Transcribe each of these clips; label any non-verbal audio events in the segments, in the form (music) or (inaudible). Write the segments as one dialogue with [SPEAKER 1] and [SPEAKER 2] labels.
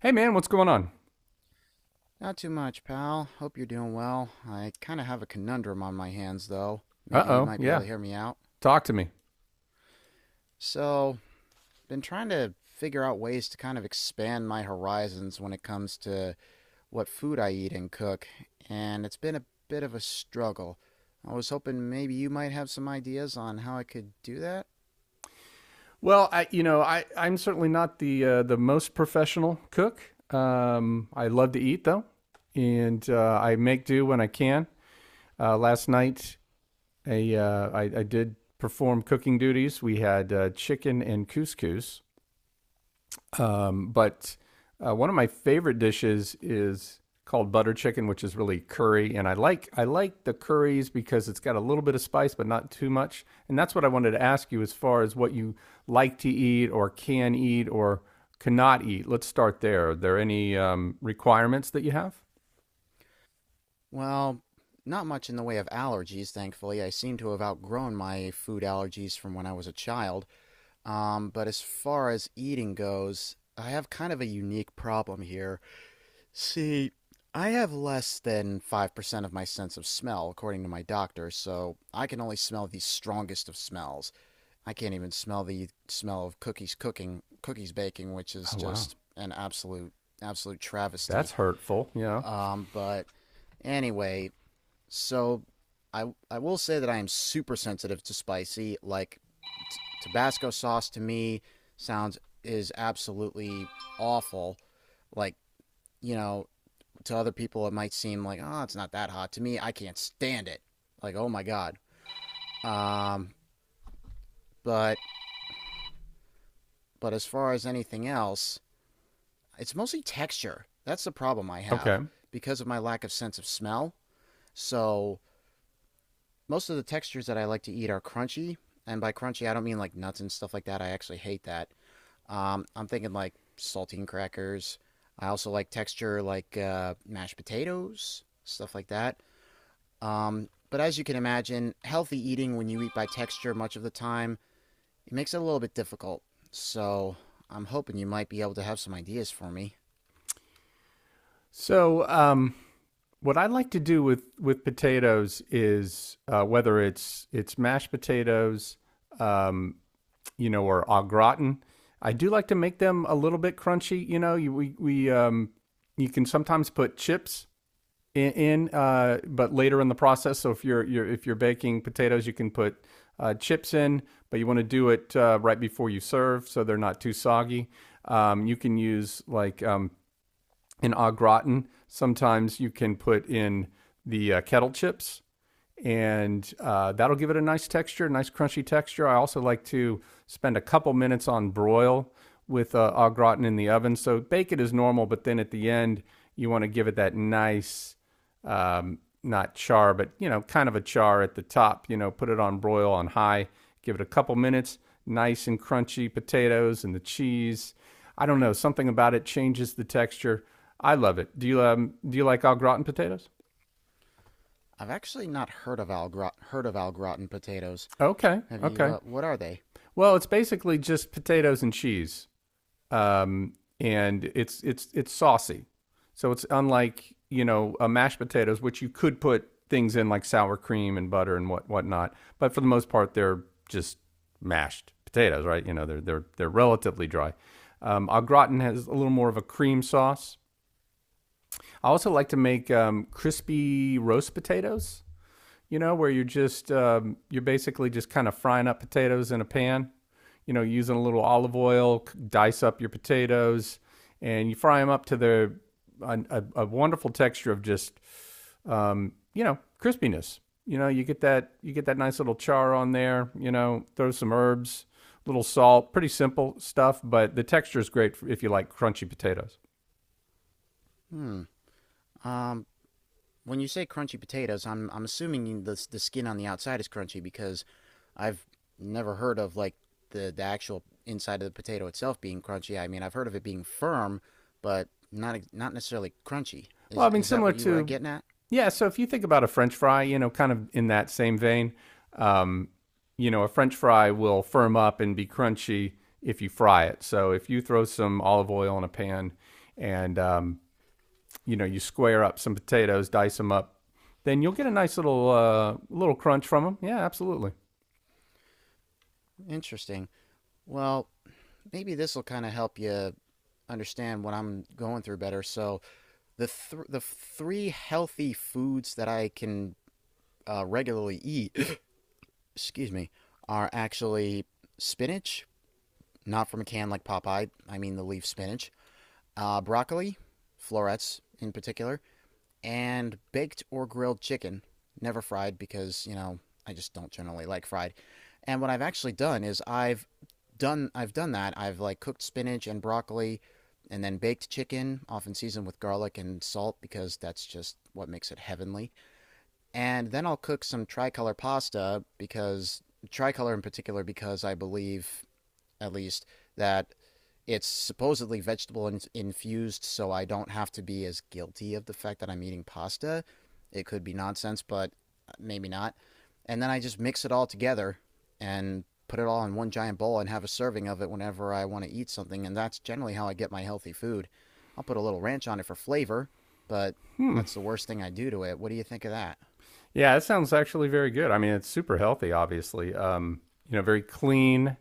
[SPEAKER 1] Hey, man, what's going on?
[SPEAKER 2] Not too much, pal. Hope you're doing well. I kind of have a conundrum on my hands, though.
[SPEAKER 1] Uh
[SPEAKER 2] Maybe you
[SPEAKER 1] oh,
[SPEAKER 2] might be able
[SPEAKER 1] yeah.
[SPEAKER 2] to hear me out.
[SPEAKER 1] Talk to me.
[SPEAKER 2] So, been trying to figure out ways to kind of expand my horizons when it comes to what food I eat and cook, and it's been a bit of a struggle. I was hoping maybe you might have some ideas on how I could do that.
[SPEAKER 1] Well, I, you know, I, I'm certainly not the most professional cook. I love to eat though, and I make do when I can. Last night, I did perform cooking duties. We had chicken and couscous. But One of my favorite dishes is called butter chicken, which is really curry. And I like the curries because it's got a little bit of spice, but not too much. And that's what I wanted to ask you as far as what you like to eat or can eat or cannot eat. Let's start there. Are there any requirements that you have?
[SPEAKER 2] Well, not much in the way of allergies, thankfully. I seem to have outgrown my food allergies from when I was a child. But as far as eating goes, I have kind of a unique problem here. See, I have less than 5% of my sense of smell, according to my doctor, so I can only smell the strongest of smells. I can't even smell the smell of cookies cooking, cookies baking, which is
[SPEAKER 1] Oh wow,
[SPEAKER 2] just an absolute, absolute travesty.
[SPEAKER 1] that's hurtful. Yeah.
[SPEAKER 2] But anyway, so I I will say that I am super sensitive to spicy. Like t- Tabasco sauce to me sounds is absolutely awful. Like, you know, to other people it might seem like, "Oh, it's not that hot." To me, I can't stand it. Like, "Oh my god." Um, but but as far as anything else, it's mostly texture. That's the problem I
[SPEAKER 1] Okay.
[SPEAKER 2] have because of my lack of sense of smell. So most of the textures that I like to eat are crunchy, and by crunchy I don't mean like nuts and stuff like that. I actually hate that. I'm thinking like saltine crackers. I also like texture like mashed potatoes, stuff like that. But as you can imagine, healthy eating when you eat by texture much of the time it makes it a little bit difficult. So I'm hoping you might be able to have some ideas for me.
[SPEAKER 1] So what I like to do with potatoes is, whether it's mashed potatoes, um, you know, or au gratin. I do like to make them a little bit crunchy. You know, you, we you can sometimes put chips in, but later in the process. So if you're baking potatoes, you can put chips in, but you want to do it right before you serve, so they're not too soggy. You can use like an au gratin. Sometimes you can put in the kettle chips and that'll give it a nice texture, nice crunchy texture. I also like to spend a couple minutes on broil with au gratin in the oven. So bake it as normal, but then at the end you want to give it that nice, not char, but you know, kind of a char at the top. You know, put it on broil on high, give it a couple minutes, nice and crunchy potatoes and the cheese. I don't know, something about it changes the texture. I love it. Do you like au gratin potatoes?
[SPEAKER 2] I've actually not heard of al gratin potatoes.
[SPEAKER 1] Okay,
[SPEAKER 2] Have you?
[SPEAKER 1] okay.
[SPEAKER 2] What are they?
[SPEAKER 1] Well, it's basically just potatoes and cheese, um, and it's it's saucy. So it's unlike, you know, a mashed potatoes, which you could put things in like sour cream and butter and whatnot. But for the most part, they're just mashed potatoes, right? You know, they're relatively dry. Au gratin has a little more of a cream sauce. I also like to make crispy roast potatoes, you know, where you're just, you're basically just kind of frying up potatoes in a pan. You know, using a little olive oil, dice up your potatoes, and you fry them up to the a wonderful texture of just, you know, crispiness. You know, you get that nice little char on there. You know, throw some herbs, little salt. Pretty simple stuff, but the texture is great if you like crunchy potatoes.
[SPEAKER 2] Hmm. Um, When you say crunchy potatoes, I'm assuming the skin on the outside is crunchy because I've never heard of like the actual inside of the potato itself being crunchy. I mean, I've heard of it being firm, but not necessarily crunchy.
[SPEAKER 1] Well,
[SPEAKER 2] Is
[SPEAKER 1] I mean,
[SPEAKER 2] is that
[SPEAKER 1] similar
[SPEAKER 2] what you were
[SPEAKER 1] to,
[SPEAKER 2] getting at?
[SPEAKER 1] yeah. So if you think about a French fry, you know, kind of in that same vein, um, you know, a French fry will firm up and be crunchy if you fry it. So if you throw some olive oil in a pan and, you know, you square up some potatoes, dice them up, then you'll get a nice little, little crunch from them. Yeah, absolutely.
[SPEAKER 2] Interesting. Well, maybe this will kind of help you understand what I'm going through better. So the three healthy foods that I can regularly eat, (coughs) excuse me, are actually spinach, not from a can like Popeye. I mean the leaf spinach, broccoli, florets in particular, and baked or grilled chicken. Never fried because you know I just don't generally like fried. And what I've actually done is I've done that. I've like cooked spinach and broccoli, and then baked chicken, often seasoned with garlic and salt because that's just what makes it heavenly. And then I'll cook some tricolor pasta because tricolor in particular because I believe at least, that it's supposedly vegetable infused, so I don't have to be as guilty of the fact that I'm eating pasta. It could be nonsense, but maybe not. And then I just mix it all together and put it all in one giant bowl and have a serving of it whenever I want to eat something. And that's generally how I get my healthy food. I'll put a little ranch on it for flavor, but
[SPEAKER 1] Hmm.
[SPEAKER 2] that's the worst thing I do to it. What do you think of that?
[SPEAKER 1] Yeah, that sounds actually very good. I mean, it's super healthy, obviously. You know, very clean.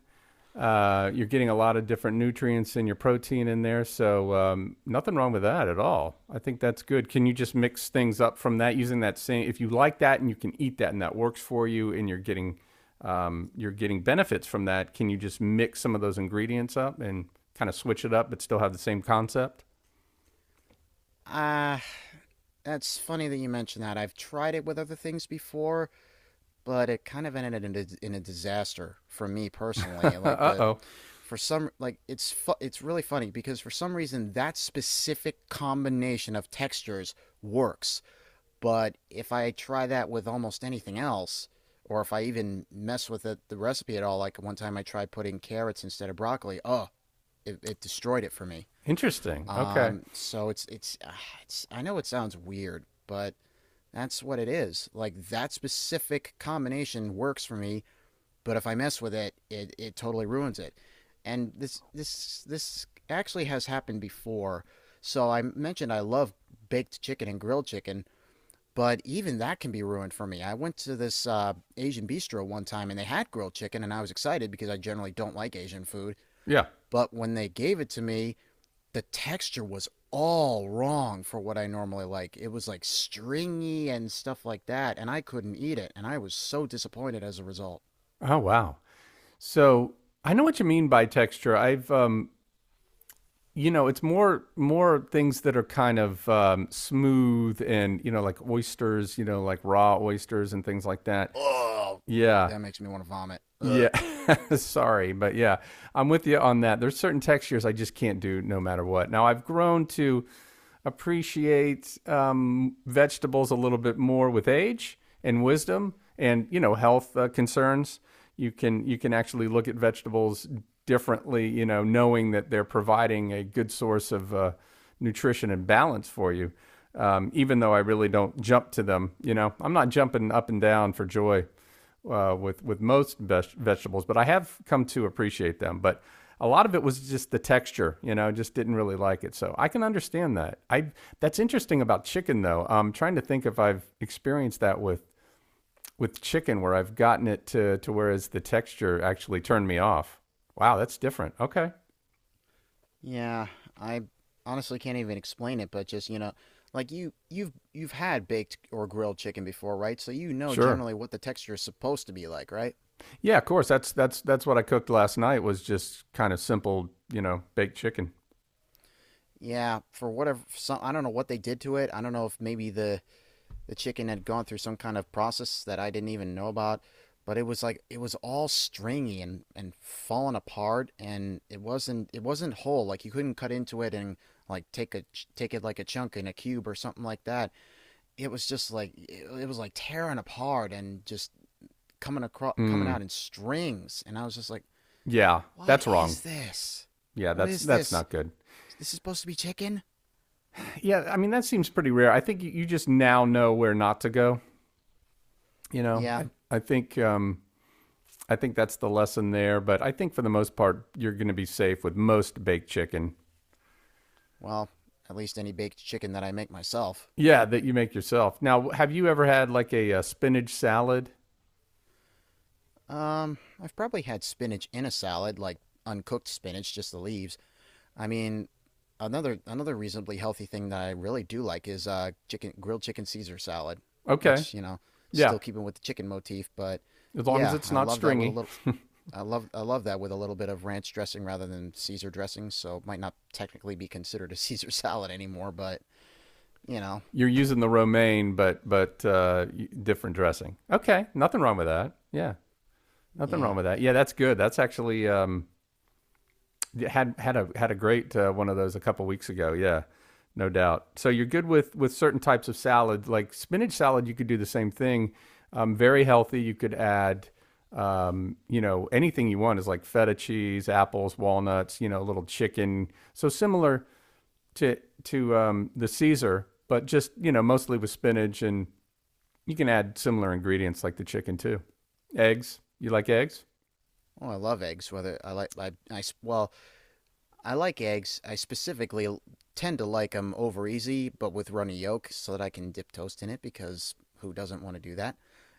[SPEAKER 1] You're getting a lot of different nutrients in your protein in there, so nothing wrong with that at all. I think that's good. Can you just mix things up from that using that same? If you like that and you can eat that and that works for you, and you're getting benefits from that, can you just mix some of those ingredients up and kind of switch it up, but still have the same concept?
[SPEAKER 2] Ah, uh, that's funny that you mentioned that. I've tried it with other things before, but it kind of ended in a disaster for me personally.
[SPEAKER 1] (laughs)
[SPEAKER 2] Like
[SPEAKER 1] Uh
[SPEAKER 2] the
[SPEAKER 1] oh,
[SPEAKER 2] for some like it's it's really funny because for some reason that specific combination of textures works, but if I try that with almost anything else or if I even mess with it, the recipe at all, like one time I tried putting carrots instead of broccoli, oh, it destroyed it for me.
[SPEAKER 1] interesting. Okay,
[SPEAKER 2] So it's I know it sounds weird, but that's what it is. Like that specific combination works for me but if I mess with it, it totally ruins it. And this actually has happened before. So I mentioned I love baked chicken and grilled chicken, but even that can be ruined for me. I went to this Asian bistro one time and they had grilled chicken, and I was excited because I generally don't like Asian food.
[SPEAKER 1] yeah.
[SPEAKER 2] But when they gave it to me, the texture was all wrong for what I normally like. It was like stringy and stuff like that, and I couldn't eat it, and I was so disappointed as a result.
[SPEAKER 1] Oh wow. So I know what you mean by texture. I've You know, it's more things that are kind of, smooth, and you know, like oysters, you know, like raw oysters and things like that.
[SPEAKER 2] Oh,
[SPEAKER 1] Yeah,
[SPEAKER 2] that makes me want to vomit. Ugh.
[SPEAKER 1] yeah. (laughs) Sorry, but yeah, I'm with you on that. There's certain textures I just can't do no matter what. Now I've grown to appreciate vegetables a little bit more with age and wisdom and you know, health concerns. You can actually look at vegetables differently, you know, knowing that they're providing a good source of nutrition and balance for you. Even though I really don't jump to them, you know, I'm not jumping up and down for joy with most vegetables, but I have come to appreciate them. But a lot of it was just the texture, you know, just didn't really like it. So I can understand that. I That's interesting about chicken though. I'm trying to think if I've experienced that with chicken where I've gotten it to whereas the texture actually turned me off. Wow, that's different. Okay.
[SPEAKER 2] Yeah, I honestly can't even explain it, but like you've had baked or grilled chicken before, right? So you know
[SPEAKER 1] Sure.
[SPEAKER 2] generally what the texture is supposed to be like, right?
[SPEAKER 1] Yeah, of course. That's that's what I cooked last night, was just kind of simple, you know, baked chicken.
[SPEAKER 2] Yeah, for whatever some I don't know what they did to it. I don't know if maybe the chicken had gone through some kind of process that I didn't even know about, but it was like it was all stringy and falling apart, and it wasn't whole. Like you couldn't cut into it and like take it like a chunk in a cube or something like that. It was just like it was like tearing apart and just coming out
[SPEAKER 1] Mm,
[SPEAKER 2] in strings, and I was just like,
[SPEAKER 1] yeah,
[SPEAKER 2] what
[SPEAKER 1] that's wrong.
[SPEAKER 2] is this?
[SPEAKER 1] Yeah,
[SPEAKER 2] What is
[SPEAKER 1] that's
[SPEAKER 2] this?
[SPEAKER 1] not good.
[SPEAKER 2] This is this supposed to be chicken?
[SPEAKER 1] Yeah, I mean that
[SPEAKER 2] Yeah.
[SPEAKER 1] seems pretty rare. I think you- just now know where not to go. You know,
[SPEAKER 2] Yeah.
[SPEAKER 1] I think that's the lesson there. But I think for the most part, you're going to be safe with most baked chicken.
[SPEAKER 2] Well, at least any baked chicken that I make myself.
[SPEAKER 1] Yeah, that you make yourself. Now, have you ever had like a, uh, spinach salad?
[SPEAKER 2] I've probably had spinach in a salad, like uncooked spinach, just the leaves. I mean, another reasonably healthy thing that I really do like is chicken grilled chicken Caesar salad,
[SPEAKER 1] Okay,
[SPEAKER 2] which, you know,
[SPEAKER 1] yeah,
[SPEAKER 2] still keeping with the chicken motif, but
[SPEAKER 1] as long as
[SPEAKER 2] yeah,
[SPEAKER 1] it's
[SPEAKER 2] I
[SPEAKER 1] not
[SPEAKER 2] love that with a
[SPEAKER 1] stringy.
[SPEAKER 2] little I love that with a little bit of ranch dressing rather than Caesar dressing, so it might not technically be considered a (laughs) Caesar salad anymore, but you know,
[SPEAKER 1] You're using the romaine, but different dressing. Okay, nothing wrong with that. Yeah, nothing
[SPEAKER 2] yeah.
[SPEAKER 1] wrong with that. Yeah, that's good. That's actually, yeah, had a great, one of those a couple weeks ago. Yeah, no doubt. So you're good with certain types of salad, like spinach salad. You could do the same thing. Very healthy. You could add, you know, anything you want, is like feta cheese, apples, walnuts. You know, a little chicken. So similar to the Caesar, but just you know, mostly with spinach, and you can add similar ingredients like the chicken too. Eggs. You like eggs?
[SPEAKER 2] Oh, I love eggs. Whether I like I well, I like eggs. I specifically tend to like them over easy, but with runny yolk, so that I can dip toast in it. Because who doesn't want to do that?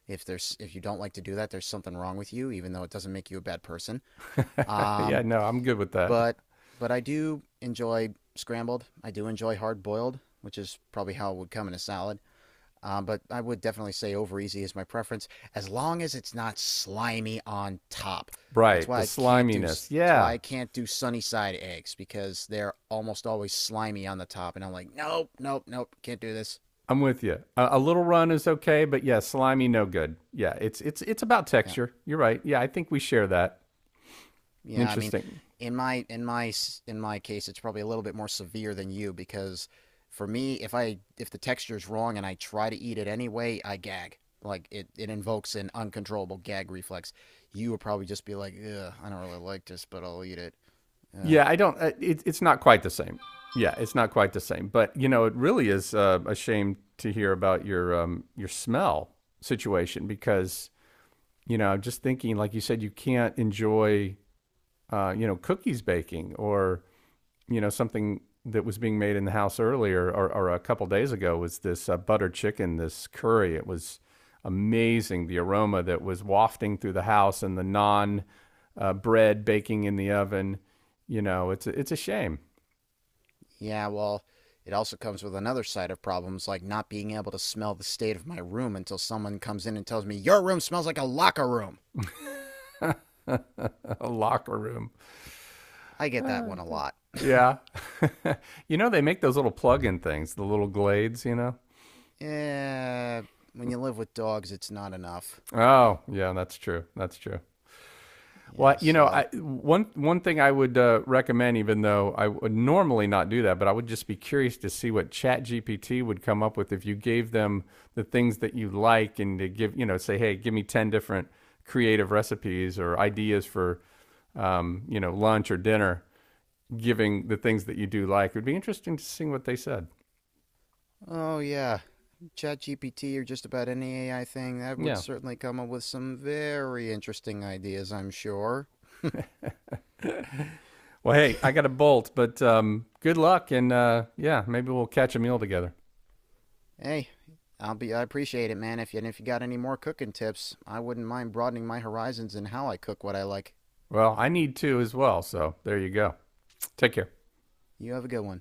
[SPEAKER 2] If you don't like to do that, there's something wrong with you. Even though it doesn't make you a bad person.
[SPEAKER 1] (laughs) Yeah.
[SPEAKER 2] Um,
[SPEAKER 1] No, I'm good with that.
[SPEAKER 2] but but I do enjoy scrambled. I do enjoy hard boiled, which is probably how it would come in a salad. But I would definitely say over easy is my preference, as long as it's not slimy on top. That's
[SPEAKER 1] Right. The
[SPEAKER 2] why I can't do.
[SPEAKER 1] sliminess.
[SPEAKER 2] That's why
[SPEAKER 1] Yeah.
[SPEAKER 2] I can't do sunny side eggs because they're almost always slimy on the top, and I'm like, nope, nope, nope, can't do this.
[SPEAKER 1] I'm with you. A little run is okay, but yeah, slimy no good. Yeah, it's about
[SPEAKER 2] Yeah.
[SPEAKER 1] texture. You're right. Yeah, I think we share that.
[SPEAKER 2] Yeah, I mean,
[SPEAKER 1] Interesting.
[SPEAKER 2] in my case, it's probably a little bit more severe than you because for me, if the texture's wrong and I try to eat it anyway, I gag. Like it invokes an uncontrollable gag reflex. You would probably just be like, "Ugh, I don't really like this, but I'll eat it." Uh,
[SPEAKER 1] Yeah, I don't. It's not quite the same. Yeah, it's not quite the same. But you know, it really is a shame to hear about your, your smell situation, because you know I'm just thinking, like you said, you can't enjoy you know, cookies baking, or you know, something that was being made in the house earlier, or a couple days ago was this, butter chicken, this curry. It was amazing, the aroma that was wafting through the house, and the non bread baking in the oven. You know, it's it's a shame.
[SPEAKER 2] yeah, well, it also comes with another side of problems like not being able to smell the state of my room until someone comes in and tells me, "Your room smells like a locker room."
[SPEAKER 1] (laughs) A locker room.
[SPEAKER 2] I get that one a lot.
[SPEAKER 1] Yeah. (laughs) You know, they make those little plug in things, the little glades, you know?
[SPEAKER 2] Yeah, when you live with dogs, it's not enough.
[SPEAKER 1] Oh, yeah, that's true. That's true. Well,
[SPEAKER 2] Yeah,
[SPEAKER 1] you know,
[SPEAKER 2] so.
[SPEAKER 1] one thing I would recommend, even though I would normally not do that, but I would just be curious to see what ChatGPT would come up with if you gave them the things that you like and to give, you know, say, hey, give me 10 different creative recipes or ideas for, you know, lunch or dinner. Giving the things that you do like, it would be interesting to see what they said.
[SPEAKER 2] Oh, yeah. ChatGPT or just about any AI thing, that would
[SPEAKER 1] Yeah.
[SPEAKER 2] certainly come up with some very interesting ideas, I'm sure.
[SPEAKER 1] Well, hey, I got to bolt, but good luck, and yeah, maybe we'll catch a meal together.
[SPEAKER 2] Hey, I appreciate it, man. If you got any more cooking tips, I wouldn't mind broadening my horizons in how I cook what I like.
[SPEAKER 1] Well, I need to as well, so there you go. Take care.
[SPEAKER 2] You have a good one.